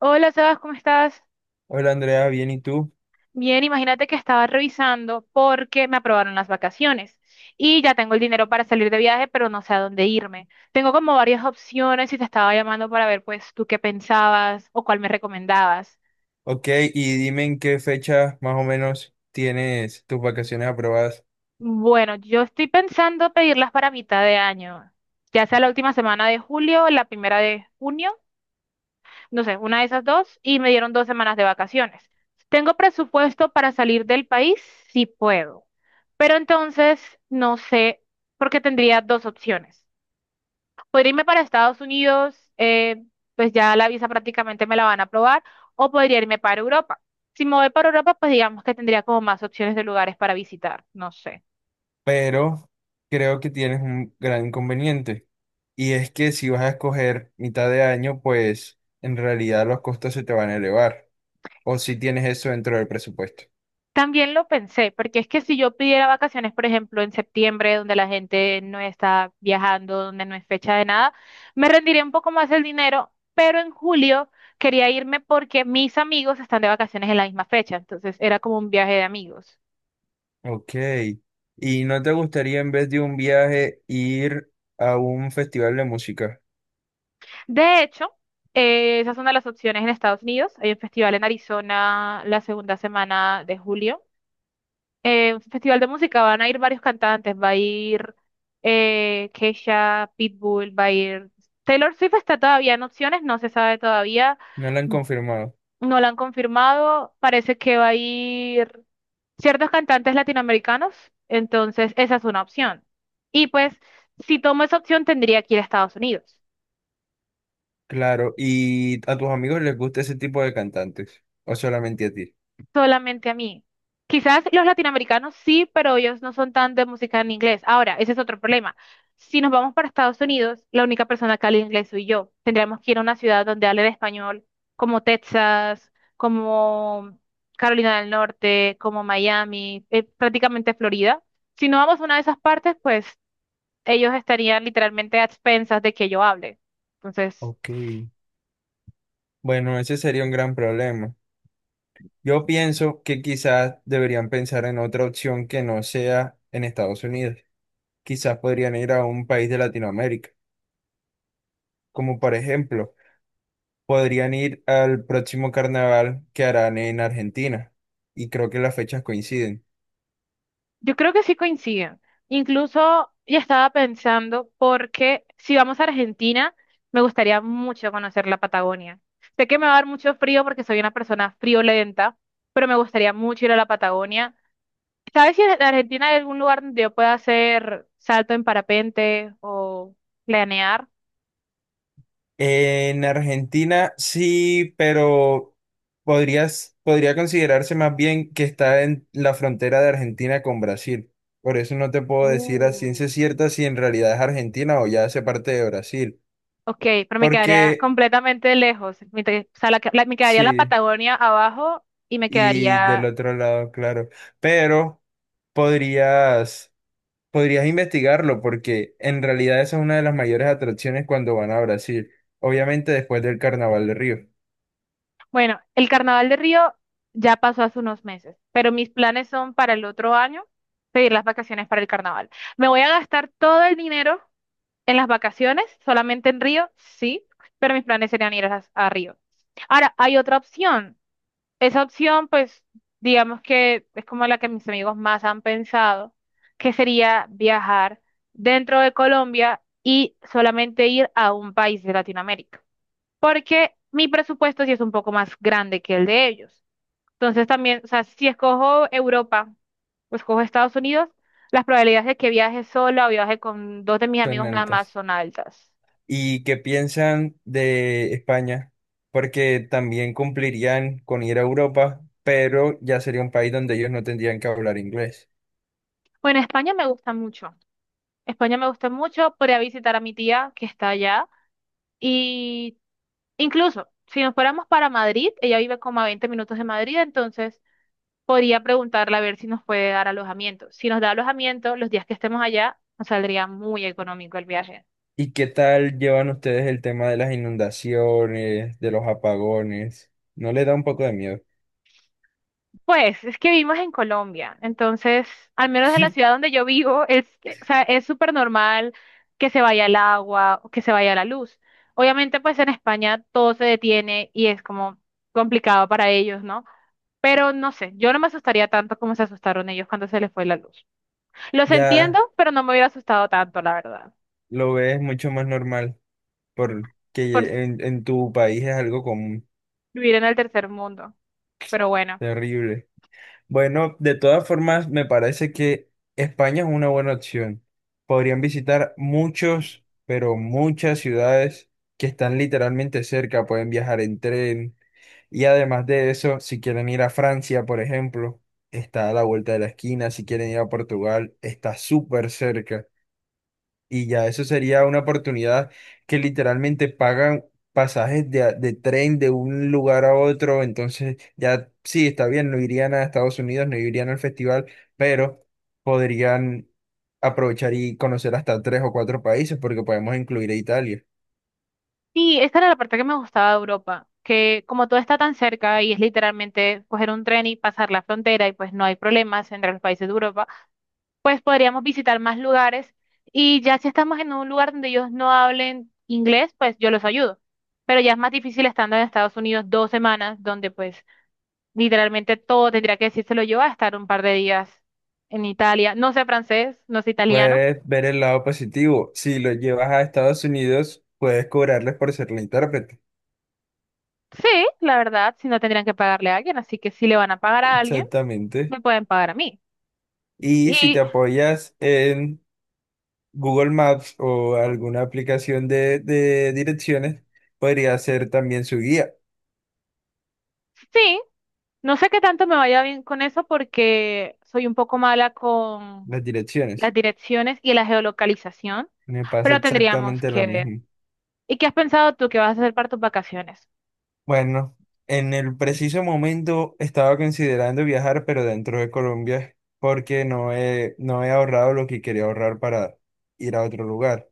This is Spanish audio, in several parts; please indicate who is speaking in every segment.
Speaker 1: Hola, Sebas, ¿cómo estás?
Speaker 2: Hola Andrea, bien, ¿y tú?
Speaker 1: Bien, imagínate que estaba revisando porque me aprobaron las vacaciones y ya tengo el dinero para salir de viaje, pero no sé a dónde irme. Tengo como varias opciones y te estaba llamando para ver pues tú qué pensabas o cuál me recomendabas.
Speaker 2: Ok, y dime en qué fecha más o menos tienes tus vacaciones aprobadas,
Speaker 1: Bueno, yo estoy pensando pedirlas para mitad de año, ya sea la última semana de julio o la primera de junio, no sé, una de esas dos, y me dieron 2 semanas de vacaciones. ¿Tengo presupuesto para salir del país? Sí puedo. Pero entonces no sé, porque tendría dos opciones. Podría irme para Estados Unidos, pues ya la visa prácticamente me la van a aprobar, o podría irme para Europa. Si me voy para Europa, pues digamos que tendría como más opciones de lugares para visitar, no sé.
Speaker 2: pero creo que tienes un gran inconveniente y es que si vas a escoger mitad de año, pues en realidad los costos se te van a elevar o si tienes eso dentro del presupuesto.
Speaker 1: También lo pensé, porque es que si yo pidiera vacaciones, por ejemplo, en septiembre, donde la gente no está viajando, donde no es fecha de nada, me rendiría un poco más el dinero, pero en julio quería irme porque mis amigos están de vacaciones en la misma fecha, entonces era como un viaje de amigos.
Speaker 2: Ok, ¿y no te gustaría en vez de un viaje ir a un festival de música?
Speaker 1: De hecho, esas son de las opciones en Estados Unidos. Hay un festival en Arizona la segunda semana de julio. Festival de música van a ir varios cantantes, va a ir Kesha, Pitbull, va a ir Taylor Swift está todavía en opciones, no se sabe todavía,
Speaker 2: No lo han confirmado.
Speaker 1: no la han confirmado, parece que va a ir ciertos cantantes latinoamericanos, entonces esa es una opción. Y pues si tomo esa opción tendría que ir a Estados Unidos.
Speaker 2: Claro, ¿y a tus amigos les gusta ese tipo de cantantes o solamente a ti?
Speaker 1: Solamente a mí. Quizás los latinoamericanos sí, pero ellos no son tan de música en inglés. Ahora, ese es otro problema. Si nos vamos para Estados Unidos, la única persona que habla inglés soy yo. Tendríamos que ir a una ciudad donde hable de español, como Texas, como Carolina del Norte, como Miami, prácticamente Florida. Si no vamos a una de esas partes, pues ellos estarían literalmente a expensas de que yo hable. Entonces,
Speaker 2: Ok. Bueno, ese sería un gran problema. Yo pienso que quizás deberían pensar en otra opción que no sea en Estados Unidos. Quizás podrían ir a un país de Latinoamérica, como por ejemplo, podrían ir al próximo carnaval que harán en Argentina. Y creo que las fechas coinciden.
Speaker 1: yo creo que sí coinciden. Incluso ya estaba pensando, porque si vamos a Argentina, me gustaría mucho conocer la Patagonia. Sé que me va a dar mucho frío porque soy una persona friolenta, pero me gustaría mucho ir a la Patagonia. ¿Sabes si en Argentina hay algún lugar donde yo pueda hacer salto en parapente o planear?
Speaker 2: En Argentina sí, pero podría considerarse más bien que está en la frontera de Argentina con Brasil. Por eso no te puedo decir a
Speaker 1: Uh.
Speaker 2: ciencia cierta si en realidad es Argentina o ya hace parte de Brasil.
Speaker 1: Ok, pero me quedaría
Speaker 2: Porque
Speaker 1: completamente lejos. O sea, me quedaría la
Speaker 2: sí,
Speaker 1: Patagonia abajo y me
Speaker 2: y del
Speaker 1: quedaría.
Speaker 2: otro lado, claro. Pero podrías, podrías investigarlo porque en realidad esa es una de las mayores atracciones cuando van a Brasil. Obviamente después del Carnaval de Río.
Speaker 1: Bueno, el Carnaval de Río ya pasó hace unos meses, pero mis planes son para el otro año pedir las vacaciones para el Carnaval. Me voy a gastar todo el dinero en las vacaciones, solamente en Río, sí, pero mis planes serían ir a Río. Ahora, hay otra opción. Esa opción, pues, digamos que es como la que mis amigos más han pensado, que sería viajar dentro de Colombia y solamente ir a un país de Latinoamérica porque mi presupuesto sí es un poco más grande que el de ellos. Entonces también, o sea, si escojo Europa o escojo Estados Unidos, las probabilidades de que viaje sola o viaje con dos de mis
Speaker 2: Son
Speaker 1: amigos nada más
Speaker 2: altas.
Speaker 1: son altas.
Speaker 2: ¿Y qué piensan de España? Porque también cumplirían con ir a Europa, pero ya sería un país donde ellos no tendrían que hablar inglés.
Speaker 1: Bueno, España me gusta mucho. España me gusta mucho. Podría visitar a mi tía que está allá. Y incluso, si nos fuéramos para Madrid, ella vive como a 20 minutos de Madrid, entonces podría preguntarle a ver si nos puede dar alojamiento. Si nos da alojamiento, los días que estemos allá, nos saldría muy económico el viaje.
Speaker 2: ¿Y qué tal llevan ustedes el tema de las inundaciones, de los apagones? ¿No les da un poco de miedo?
Speaker 1: Pues es que vivimos en Colombia, entonces, al menos en la ciudad donde yo vivo, o sea, es súper normal que se vaya el agua o que se vaya la luz. Obviamente, pues en España todo se detiene y es como complicado para ellos, ¿no? Pero no sé, yo no me asustaría tanto como se asustaron ellos cuando se les fue la luz. Los entiendo,
Speaker 2: Ya
Speaker 1: pero no me hubiera asustado tanto, la verdad,
Speaker 2: lo ves mucho más normal, porque
Speaker 1: por
Speaker 2: en tu país es algo común,
Speaker 1: vivir en el tercer mundo. Pero bueno.
Speaker 2: terrible. Bueno, de todas formas, me parece que España es una buena opción. Podrían visitar muchos, pero muchas ciudades que están literalmente cerca, pueden viajar en tren. Y además de eso, si quieren ir a Francia, por ejemplo, está a la vuelta de la esquina. Si quieren ir a Portugal, está súper cerca. Y ya eso sería una oportunidad que literalmente pagan pasajes de tren de un lugar a otro. Entonces, ya sí, está bien, no irían a Estados Unidos, no irían al festival, pero podrían aprovechar y conocer hasta tres o cuatro países porque podemos incluir a Italia.
Speaker 1: Sí, esta era la parte que me gustaba de Europa, que como todo está tan cerca y es literalmente coger un tren y pasar la frontera y pues no hay problemas entre los países de Europa, pues podríamos visitar más lugares y ya si estamos en un lugar donde ellos no hablen inglés, pues yo los ayudo. Pero ya es más difícil estando en Estados Unidos dos semanas, donde pues literalmente todo tendría que decírselo yo a estar un par de días en Italia. No sé francés, no sé italiano.
Speaker 2: Puedes ver el lado positivo. Si los llevas a Estados Unidos, puedes cobrarles por ser la intérprete.
Speaker 1: Sí, la verdad, si no tendrían que pagarle a alguien, así que si le van a pagar a alguien,
Speaker 2: Exactamente.
Speaker 1: me pueden pagar a mí.
Speaker 2: Y si te
Speaker 1: Y
Speaker 2: apoyas en Google Maps o alguna aplicación de direcciones podría ser también su guía,
Speaker 1: sí, no sé qué tanto me vaya bien con eso porque soy un poco mala con
Speaker 2: las direcciones.
Speaker 1: las direcciones y la geolocalización,
Speaker 2: Me pasa
Speaker 1: pero tendríamos
Speaker 2: exactamente lo
Speaker 1: que ver.
Speaker 2: mismo.
Speaker 1: ¿Y qué has pensado tú que vas a hacer para tus vacaciones?
Speaker 2: Bueno, en el preciso momento estaba considerando viajar, pero dentro de Colombia, porque no he ahorrado lo que quería ahorrar para ir a otro lugar.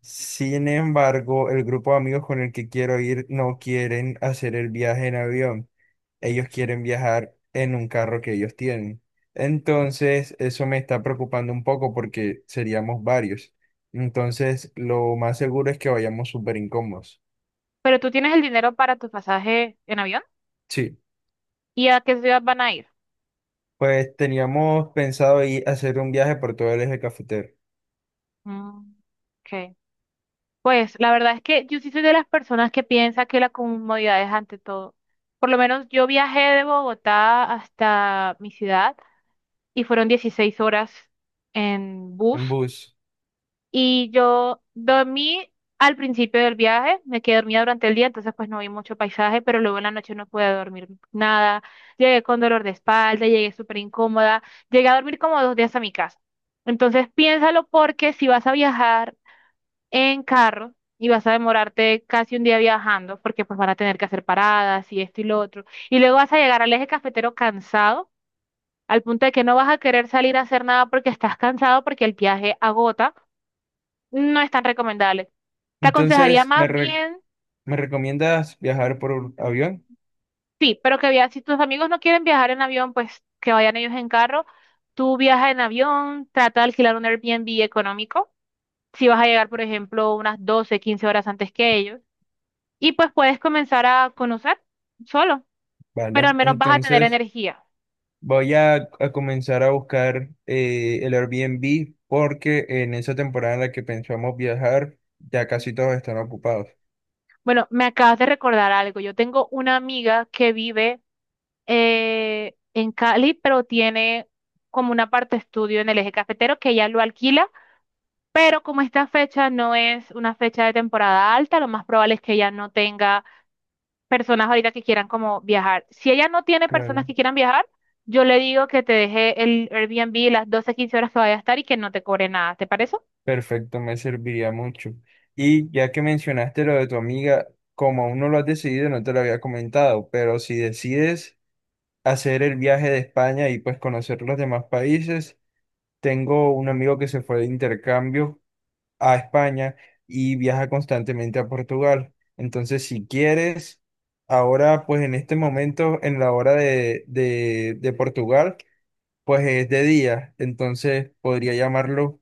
Speaker 2: Sin embargo, el grupo de amigos con el que quiero ir no quieren hacer el viaje en avión. Ellos quieren viajar en un carro que ellos tienen. Entonces, eso me está preocupando un poco porque seríamos varios. Entonces, lo más seguro es que vayamos súper incómodos.
Speaker 1: Pero tú tienes el dinero para tu pasaje en avión.
Speaker 2: Sí,
Speaker 1: ¿Y a qué ciudad van a ir?
Speaker 2: pues teníamos pensado ir a hacer un viaje por todo el eje cafetero
Speaker 1: Mm, ok. Pues la verdad es que yo sí soy de las personas que piensa que la comodidad es ante todo. Por lo menos yo viajé de Bogotá hasta mi ciudad y fueron 16 horas en bus.
Speaker 2: en bus.
Speaker 1: Y yo dormí al principio del viaje, me quedé dormida durante el día, entonces pues no vi mucho paisaje, pero luego en la noche no pude dormir nada. Llegué con dolor de espalda, llegué súper incómoda, llegué a dormir como 2 días a mi casa. Entonces piénsalo porque si vas a viajar en carro y vas a demorarte casi un día viajando, porque pues van a tener que hacer paradas y esto y lo otro, y luego vas a llegar al eje cafetero cansado, al punto de que no vas a querer salir a hacer nada porque estás cansado, porque el viaje agota no es tan recomendable. Te aconsejaría
Speaker 2: Entonces, ¿me,
Speaker 1: más
Speaker 2: re-
Speaker 1: bien,
Speaker 2: me recomiendas viajar por avión?
Speaker 1: sí, pero que viajes, si tus amigos no quieren viajar en avión, pues que vayan ellos en carro. Tú viaja en avión, trata de alquilar un Airbnb económico, si vas a llegar, por ejemplo, unas 12 15 horas antes que ellos, y pues puedes comenzar a conocer solo, pero al
Speaker 2: Vale,
Speaker 1: menos vas a tener
Speaker 2: entonces...
Speaker 1: energía.
Speaker 2: Voy a comenzar a buscar el Airbnb porque en esa temporada en la que pensamos viajar ya casi todos están ocupados.
Speaker 1: Bueno, me acabas de recordar algo. Yo tengo una amiga que vive en Cali, pero tiene como una parte estudio en el eje cafetero que ella lo alquila. Pero como esta fecha no es una fecha de temporada alta, lo más probable es que ella no tenga personas ahorita que quieran como viajar. Si ella no tiene personas
Speaker 2: Claro.
Speaker 1: que quieran viajar, yo le digo que te deje el Airbnb las 12 15 horas que vaya a estar y que no te cobre nada. ¿Te parece?
Speaker 2: Perfecto, me serviría mucho. Y ya que mencionaste lo de tu amiga, como aún no lo has decidido, no te lo había comentado, pero si decides hacer el viaje de España y pues conocer los demás países, tengo un amigo que se fue de intercambio a España y viaja constantemente a Portugal. Entonces, si quieres, ahora, pues en este momento, en la hora de Portugal, pues es de día. Entonces, podría llamarlo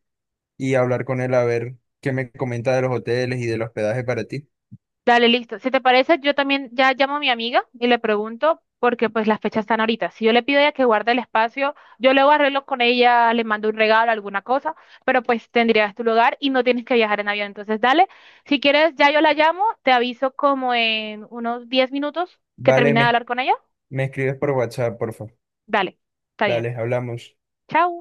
Speaker 2: y hablar con él a ver qué me comenta de los hoteles y del hospedaje para ti.
Speaker 1: Dale, listo. Si te parece, yo también ya llamo a mi amiga y le pregunto porque pues las fechas están ahorita. Si yo le pido a ella que guarde el espacio, yo luego arreglo con ella, le mando un regalo, alguna cosa, pero pues tendrías tu lugar y no tienes que viajar en avión. Entonces, dale, si quieres, ya yo la llamo, te aviso como en unos 10 minutos que
Speaker 2: Vale,
Speaker 1: termine de
Speaker 2: me,
Speaker 1: hablar con ella.
Speaker 2: me escribes por WhatsApp, por favor.
Speaker 1: Dale, está bien.
Speaker 2: Vale, hablamos.
Speaker 1: Chao.